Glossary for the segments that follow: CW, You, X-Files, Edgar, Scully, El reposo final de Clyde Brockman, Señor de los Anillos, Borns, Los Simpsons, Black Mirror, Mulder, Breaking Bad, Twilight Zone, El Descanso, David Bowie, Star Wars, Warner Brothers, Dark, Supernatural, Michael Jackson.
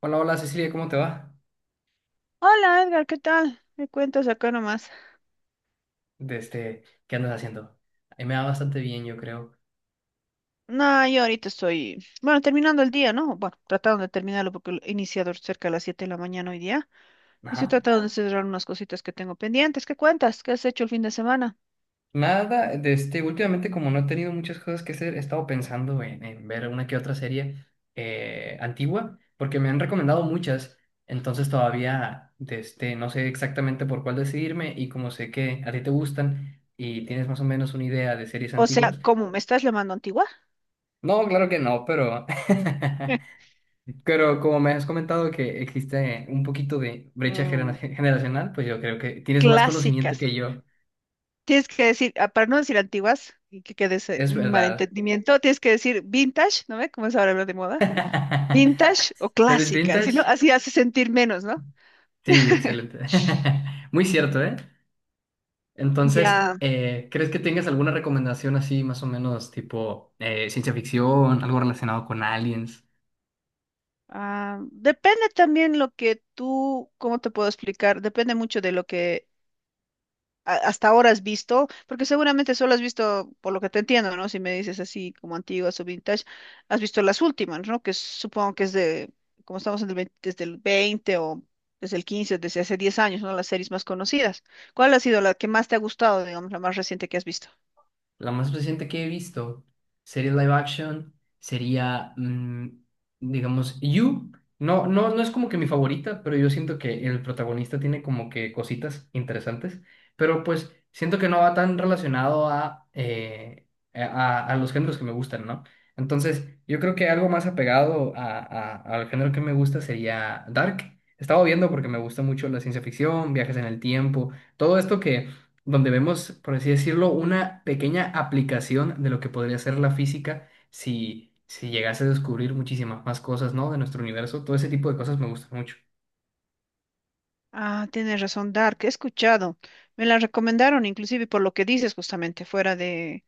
Hola, hola Cecilia, ¿cómo te va? Hola Edgar, ¿qué tal? Me cuentas acá nomás. ¿Qué andas haciendo? A mí me va bastante bien, yo creo. No, yo ahorita estoy, bueno, terminando el día, ¿no? Bueno, tratando de terminarlo porque lo he iniciado cerca de las 7 de la mañana hoy día. Y estoy Ajá. tratando de cerrar unas cositas que tengo pendientes. ¿Qué cuentas? ¿Qué has hecho el fin de semana? Nada, últimamente como no he tenido muchas cosas que hacer, he estado pensando en ver una que otra serie antigua, porque me han recomendado muchas, entonces todavía no sé exactamente por cuál decidirme, y como sé que a ti te gustan y tienes más o menos una idea de series O sea, antiguas. ¿cómo me estás llamando antigua? No, claro que no, pero pero como me has comentado que existe un poquito de brecha Mm, generacional, pues yo creo que tienes más conocimiento clásicas. que yo. Tienes que decir, ah, para no decir antiguas y que quede ese Es verdad. malentendimiento, tienes que decir vintage, ¿no ve? Como es ahora lo de moda. Vintage o ¿Pero es clásica, si no, vintage? así hace sentir menos, ¿no? Sí, excelente. Muy cierto, ¿eh? Entonces, Ya. ¿Crees que tengas alguna recomendación así, más o menos tipo ciencia ficción, algo relacionado con aliens? Ah, depende también lo que tú, ¿cómo te puedo explicar? Depende mucho de lo que hasta ahora has visto, porque seguramente solo has visto, por lo que te entiendo, ¿no? Si me dices así como antiguas o vintage, has visto las últimas, ¿no? Que supongo que es de, como estamos en el 20 desde el 20 o desde el 15, desde hace 10 años, ¿no? Las series más conocidas. ¿Cuál ha sido la que más te ha gustado, digamos, la más reciente que has visto? La más reciente que he visto, serie live action, sería, digamos, You. No, no es como que mi favorita, pero yo siento que el protagonista tiene como que cositas interesantes, pero pues siento que no va tan relacionado a, a los géneros que me gustan, ¿no? Entonces, yo creo que algo más apegado a, al género que me gusta sería Dark. Estaba viendo porque me gusta mucho la ciencia ficción, viajes en el tiempo, todo esto que donde vemos, por así decirlo, una pequeña aplicación de lo que podría ser la física si llegase a descubrir muchísimas más cosas, ¿no? De nuestro universo. Todo ese tipo de cosas me gustan mucho. Ah, tienes razón, Dark, he escuchado. Me la recomendaron, inclusive por lo que dices justamente, fuera de.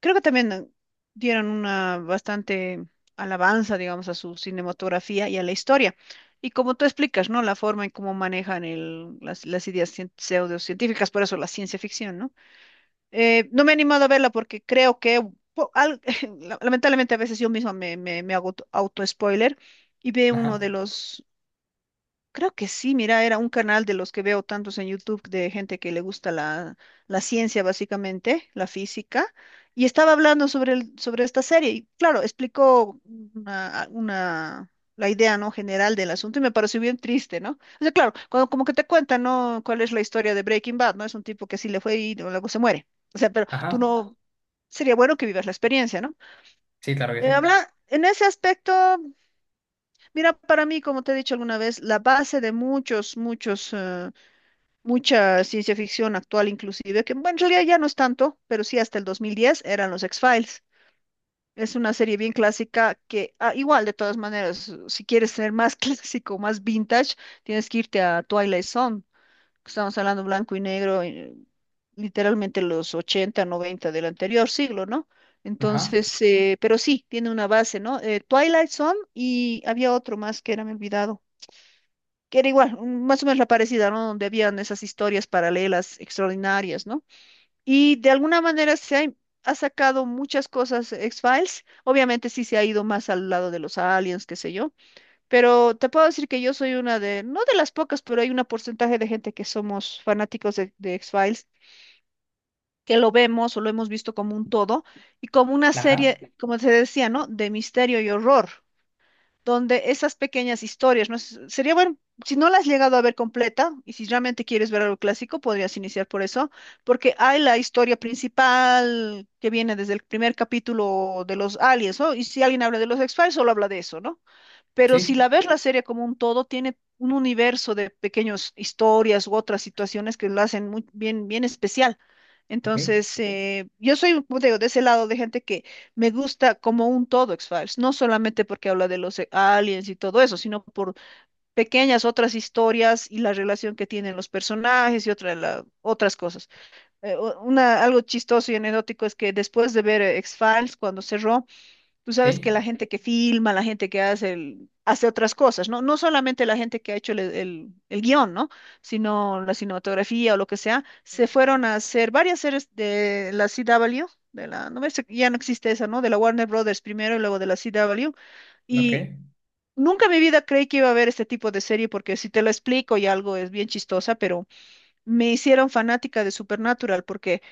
Creo que también dieron una bastante alabanza, digamos, a su cinematografía y a la historia. Y como tú explicas, ¿no? La forma en cómo manejan las ideas pseudocientíficas, por eso la ciencia ficción, ¿no? No me he animado a verla porque creo que, po- al- lamentablemente a veces yo misma me hago auto-spoiler y veo uno Ajá, de los. Creo que sí, mira, era un canal de los que veo tantos en YouTube de gente que le gusta la, la ciencia, básicamente, la física, y estaba hablando sobre, sobre esta serie, y claro, explicó una, una- la idea, ¿no? General del asunto, y me pareció bien triste, ¿no? O sea, claro, cuando, como que te cuentan, ¿no? cuál es la historia de Breaking Bad, ¿no? Es un tipo que sí le fue y luego se muere. O sea, pero tú ajá, no, sería bueno que vivas la experiencia, ¿no? sí, claro que sí. Habla, en ese aspecto. Mira, para mí, como te he dicho alguna vez, la base de muchos, muchos, mucha ciencia ficción actual inclusive, que bueno, en realidad ya no es tanto, pero sí hasta el 2010 eran los X-Files. Es una serie bien clásica que, ah, igual, de todas maneras, si quieres ser más clásico, más vintage, tienes que irte a Twilight Zone, que estamos hablando blanco y negro, literalmente los 80, 90 del anterior siglo, ¿no? Ajá, Entonces, pero sí, tiene una base, ¿no? Twilight Zone y había otro más que era, me he olvidado, que era igual, más o menos la parecida, ¿no? Donde habían esas historias paralelas extraordinarias, ¿no? Y de alguna manera se ha, ha sacado muchas cosas X-Files, obviamente sí se ha ido más al lado de los aliens, qué sé yo, pero te puedo decir que yo soy una de, no de las pocas, pero hay un porcentaje de gente que somos fanáticos de X-Files, que lo vemos o lo hemos visto como un todo y como una ajá, serie, como se decía, ¿no? De misterio y horror, donde esas pequeñas historias, ¿no? Sería bueno, si no las has llegado a ver completa, y si realmente quieres ver algo clásico, podrías iniciar por eso, porque hay la historia principal que viene desde el primer capítulo de los aliens, ¿no? Y si alguien habla de los X-Files, solo habla de eso, ¿no? Pero si sí, la ves la serie como un todo, tiene un universo de pequeñas historias u otras situaciones que lo hacen muy bien, bien especial. ok, Entonces, yo soy como te digo, de ese lado de gente que me gusta como un todo X-Files, no solamente porque habla de los aliens y todo eso, sino por pequeñas otras historias y la relación que tienen los personajes y otra, otras cosas. Una, algo chistoso y anecdótico es que después de ver X-Files, cuando cerró. Tú sabes que la sí, gente que filma, la gente que hace, hace otras cosas, ¿no? No solamente la gente que ha hecho el guión, ¿no? Sino la cinematografía o lo que sea, se fueron a hacer varias series de la CW, de la, no me sé, ya no existe esa, ¿no? De la Warner Brothers primero y luego de la CW. ok, Y nunca en mi vida creí que iba a haber este tipo de serie, porque si te lo explico y algo es bien chistosa, pero me hicieron fanática de Supernatural, porque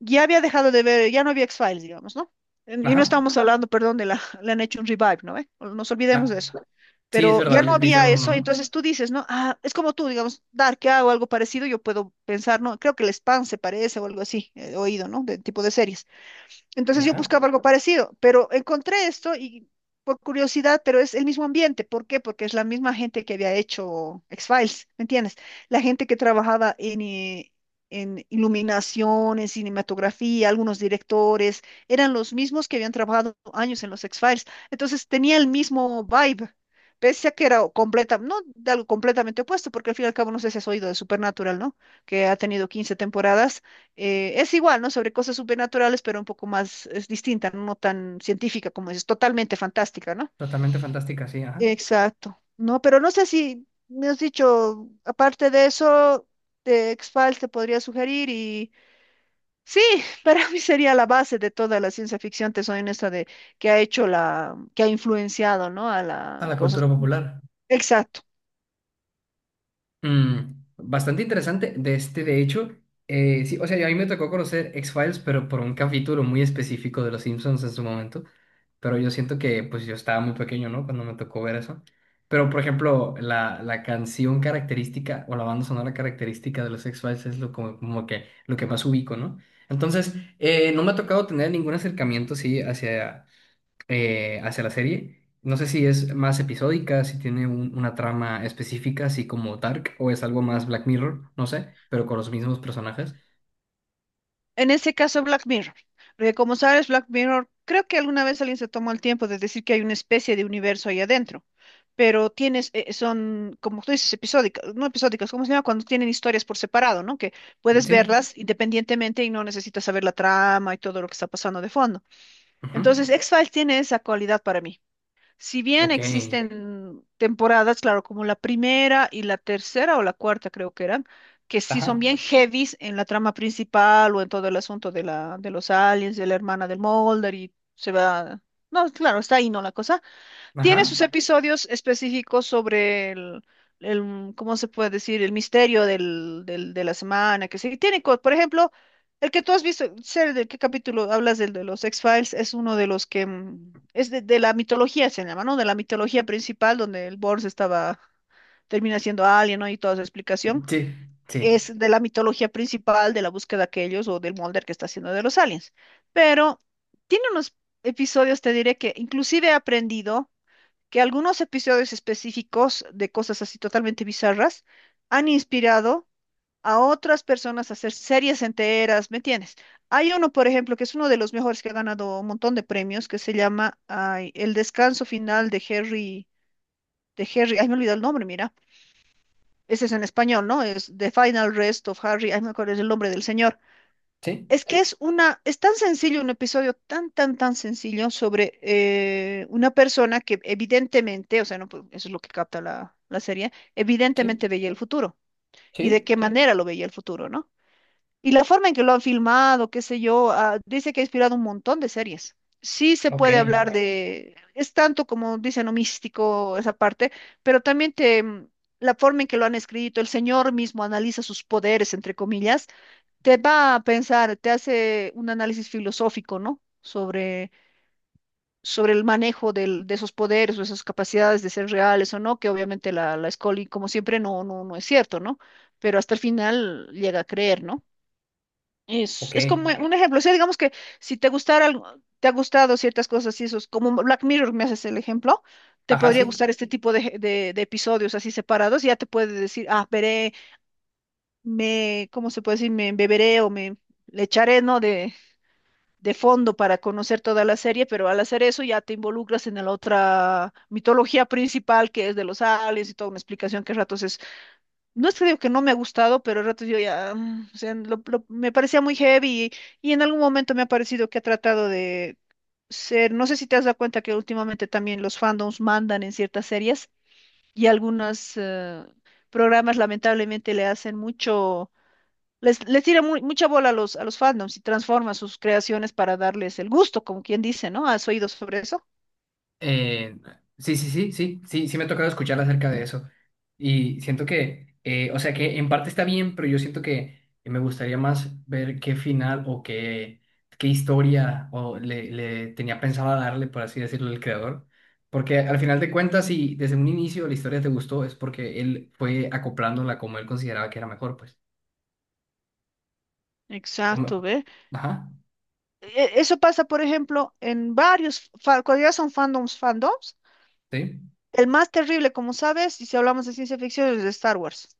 ya había dejado de ver, ya no había X-Files, digamos, ¿no? Y no ajá, estábamos hablando, perdón, de la, le han hecho un revive, ¿no? ve? Nos olvidemos de na- eso. sí, es Pero ya verdad, no le había hicieron uno, eso, ¿no? entonces tú dices, ¿no? Ah, es como tú, digamos, Dark, ¿qué hago? Algo parecido, yo puedo pensar, ¿no? Creo que el Spam se parece o algo así, he oído, ¿no? De tipo de series. Entonces yo Ajá, buscaba algo parecido, pero encontré esto y por curiosidad, pero es el mismo ambiente. ¿Por qué? Porque es la misma gente que había hecho X-Files, ¿me entiendes? La gente que trabajaba en iluminación, en cinematografía, algunos directores, eran los mismos que habían trabajado años en los X-Files. Entonces tenía el mismo vibe. Pese a que era completa, no de algo completamente opuesto, porque al fin y al cabo no sé si has oído de Supernatural, ¿no? Que ha tenido 15 temporadas, es igual, ¿no? Sobre cosas supernaturales, pero un poco más, es distinta, no tan científica como es, totalmente fantástica, ¿no? totalmente fantástica, sí, ajá. Exacto. No, pero no sé si me has dicho, aparte de eso, de X-Files te podría sugerir y sí, para mí sería la base de toda la ciencia ficción, te soy honesta, de que ha hecho la, que ha influenciado, ¿no? A A la la cosa. cultura popular. Exacto. Mm, bastante interesante de hecho, sí, o sea, a mí me tocó conocer X-Files, pero por un capítulo muy específico de Los Simpsons en su momento, pero yo siento que pues yo estaba muy pequeño, ¿no? Cuando me tocó ver eso. Pero, por ejemplo, la canción característica o la banda sonora característica de los X-Files es lo, como, como que, lo que más ubico, ¿no? Entonces, no me ha tocado tener ningún acercamiento, sí, hacia hacia la serie. No sé si es más episódica, si tiene una trama específica, así como Dark, o es algo más Black Mirror, no sé, pero con los mismos personajes. En ese caso, Black Mirror. Porque como sabes, Black Mirror, creo que alguna vez alguien se tomó el tiempo de decir que hay una especie de universo ahí adentro. Pero tienes, son, como tú dices, episódicas, no episódicas, ¿cómo se llama? Cuando tienen historias por separado, ¿no? Que puedes Sí. verlas independientemente y no necesitas saber la trama y todo lo que está pasando de fondo. Ajá. Entonces, X-Files tiene esa cualidad para mí. Si bien Ok. existen temporadas, claro, como la primera y la tercera o la cuarta creo que eran, que sí son Ajá. bien heavies en la trama principal o en todo el asunto de la, de los aliens, de la hermana del Mulder y se va... No, claro, está ahí, ¿no? La cosa. Tiene sus Ajá. episodios específicos sobre ¿cómo se puede decir? El misterio del, de la semana, que sí. Tiene, por ejemplo, el que tú has visto, sé de qué capítulo hablas del de los X-Files, es uno de los que es de la mitología, se llama, ¿no? De la mitología principal, donde el Borns estaba, termina siendo alien, ¿no? Y toda su explicación. Sí. Sí. Es de la mitología principal de la búsqueda de ellos o del Mulder que está haciendo de los aliens. Pero tiene unos episodios, te diré que inclusive he aprendido que algunos episodios específicos de cosas así totalmente bizarras han inspirado a otras personas a hacer series enteras, ¿me entiendes? Hay uno, por ejemplo, que es uno de los mejores que ha ganado un montón de premios, que se llama ay, El descanso final de Harry, ay, me olvidó el nombre, mira. Ese es en español, ¿no? Es The Final Rest of Harry, ay, me acuerdo es el nombre del señor. Sí. Es que es una, es tan sencillo, un episodio tan, tan, tan sencillo sobre una persona que evidentemente, o sea, no, pues, eso es lo que capta la, la serie, Sí. evidentemente veía el futuro y de Sí. qué Claro. manera lo veía el futuro, ¿no? Y la forma en que lo han filmado, qué sé yo, ah, dice que ha inspirado un montón de series. Sí se Ok. puede hablar de, es tanto como dicen, ¿no? místico esa parte, pero también te, la forma en que lo han escrito, el señor mismo analiza sus poderes, entre comillas, te va a pensar, te hace un análisis filosófico, ¿no? Sobre, sobre el manejo de esos poderes o esas capacidades de ser reales o no, que obviamente la, la Scully, como siempre, no, no, no es cierto, ¿no? Pero hasta el final llega a creer, ¿no? Ok. Es como un ejemplo, o sea, digamos que si te gustara algo, te ha gustado ciertas cosas y esos, como Black Mirror, me haces el ejemplo, te Ajá, podría sí. gustar este tipo de episodios así separados, y ya te puede decir, ah, veré, me, ¿cómo se puede decir? Me beberé o me le echaré, ¿no? De fondo para conocer toda la serie, pero al hacer eso ya te involucras en la otra mitología principal que es de los aliens y toda una explicación que a ratos es, no es que digo que no me ha gustado, pero a ratos yo ya, o sea, me parecía muy heavy y en algún momento me ha parecido que ha tratado de ser, no sé si te has dado cuenta que últimamente también los fandoms mandan en ciertas series y algunos programas lamentablemente le hacen mucho les tira mucha bola a los fandoms y transforma sus creaciones para darles el gusto, como quien dice, ¿no? ¿Has oído sobre eso? Eh, sí, sí, sí, sí, sí, sí, me ha tocado escuchar acerca de eso. Y siento que, o sea, que en parte está bien, pero yo siento que me gustaría más ver qué final o qué, qué historia o le tenía pensado darle, por así decirlo, el creador. Porque al final de cuentas, si desde un inicio la historia te gustó, es porque él fue acoplándola como él consideraba que era mejor, pues. O me- Exacto, ¿ve? Ajá, Eso pasa, por ejemplo, en varios, cuando ya son fandoms, fandoms, sí, el más terrible, como sabes, y si hablamos de ciencia ficción, es de Star Wars.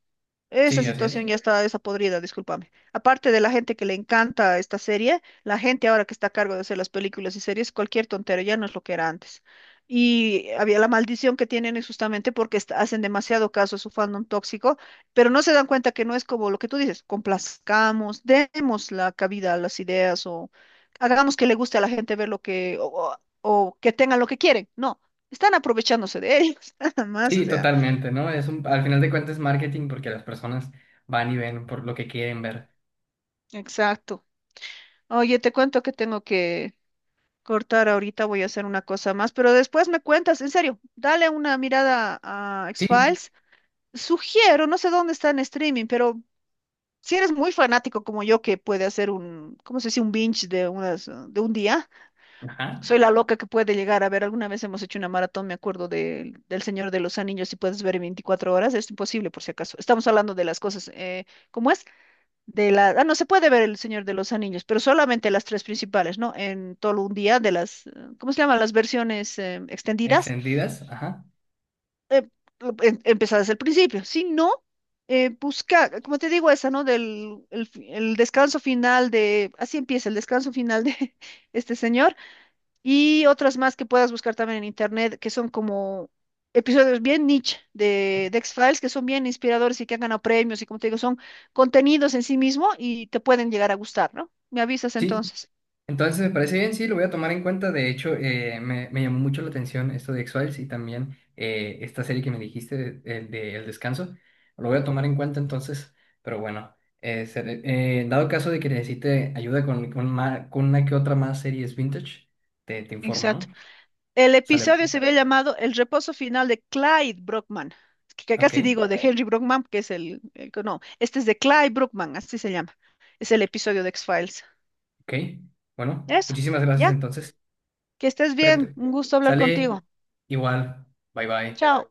Esa sí, así situación es. ya está esa podrida, discúlpame. Aparte de la gente que le encanta esta serie, la gente ahora que está a cargo de hacer las películas y series, cualquier tontero, ya no es lo que era antes. Y había la maldición que tienen es justamente porque hacen demasiado caso a su fandom tóxico, pero no se dan cuenta que no es como lo que tú dices, complazcamos, demos la cabida a las ideas o hagamos que le guste a la gente ver lo que, o, o o que tengan lo que quieren. No, están aprovechándose de ellos, nada más, o Sí, sea, totalmente, ¿no? Es un, al final de cuentas es marketing porque las personas van y ven por lo que quieren ver. exacto. Oye, te cuento que tengo que cortar ahorita, voy a hacer una cosa más, pero después me cuentas, en serio, dale una mirada a Sí, X-Files. Sugiero, no sé dónde está en streaming, pero si eres muy fanático como yo que puede hacer un, ¿cómo se dice? Un binge de unas, de un día. ajá, Soy la loca que puede llegar a ver, alguna vez hemos hecho una maratón, me acuerdo de, del Señor de los Anillos, si puedes ver en 24 horas, es imposible por si acaso. Estamos hablando de las cosas, ¿cómo es? De la, ah, no se puede ver El Señor de los Anillos, pero solamente las tres principales, ¿no? En todo un día de las, ¿cómo se llaman? Las versiones extendidas, extendidas, ajá, eh, empezar desde el principio. Si no, busca, como te digo, esa, ¿no? Del el, el descanso final de, así empieza el descanso final de este señor y otras más que puedas buscar también en internet, que son como episodios bien niche de X-Files, que son bien inspiradores y que han ganado premios, y como te digo, son contenidos en sí mismo y te pueden llegar a gustar, ¿no? Me avisas sí. entonces. Entonces me parece bien, sí, lo voy a tomar en cuenta. De hecho, me llamó mucho la atención esto de X-Files y también esta serie que me dijiste de El Descanso. Lo voy a tomar en cuenta entonces, pero bueno, dado caso de que necesite ayuda con una que otra más series vintage, te informo, Exacto. ¿no? El Sale, episodio pues. se había llamado El reposo final de Clyde Brockman, que casi Ok. digo de Henry Brockman, que es el que no, este es de Clyde Brockman, así se llama. Es el episodio de X-Files. Ok, bueno, Eso, muchísimas gracias ya, entonces. que estés bien, Cuídate. un gusto hablar contigo. Sale igual. Bye bye. Chao.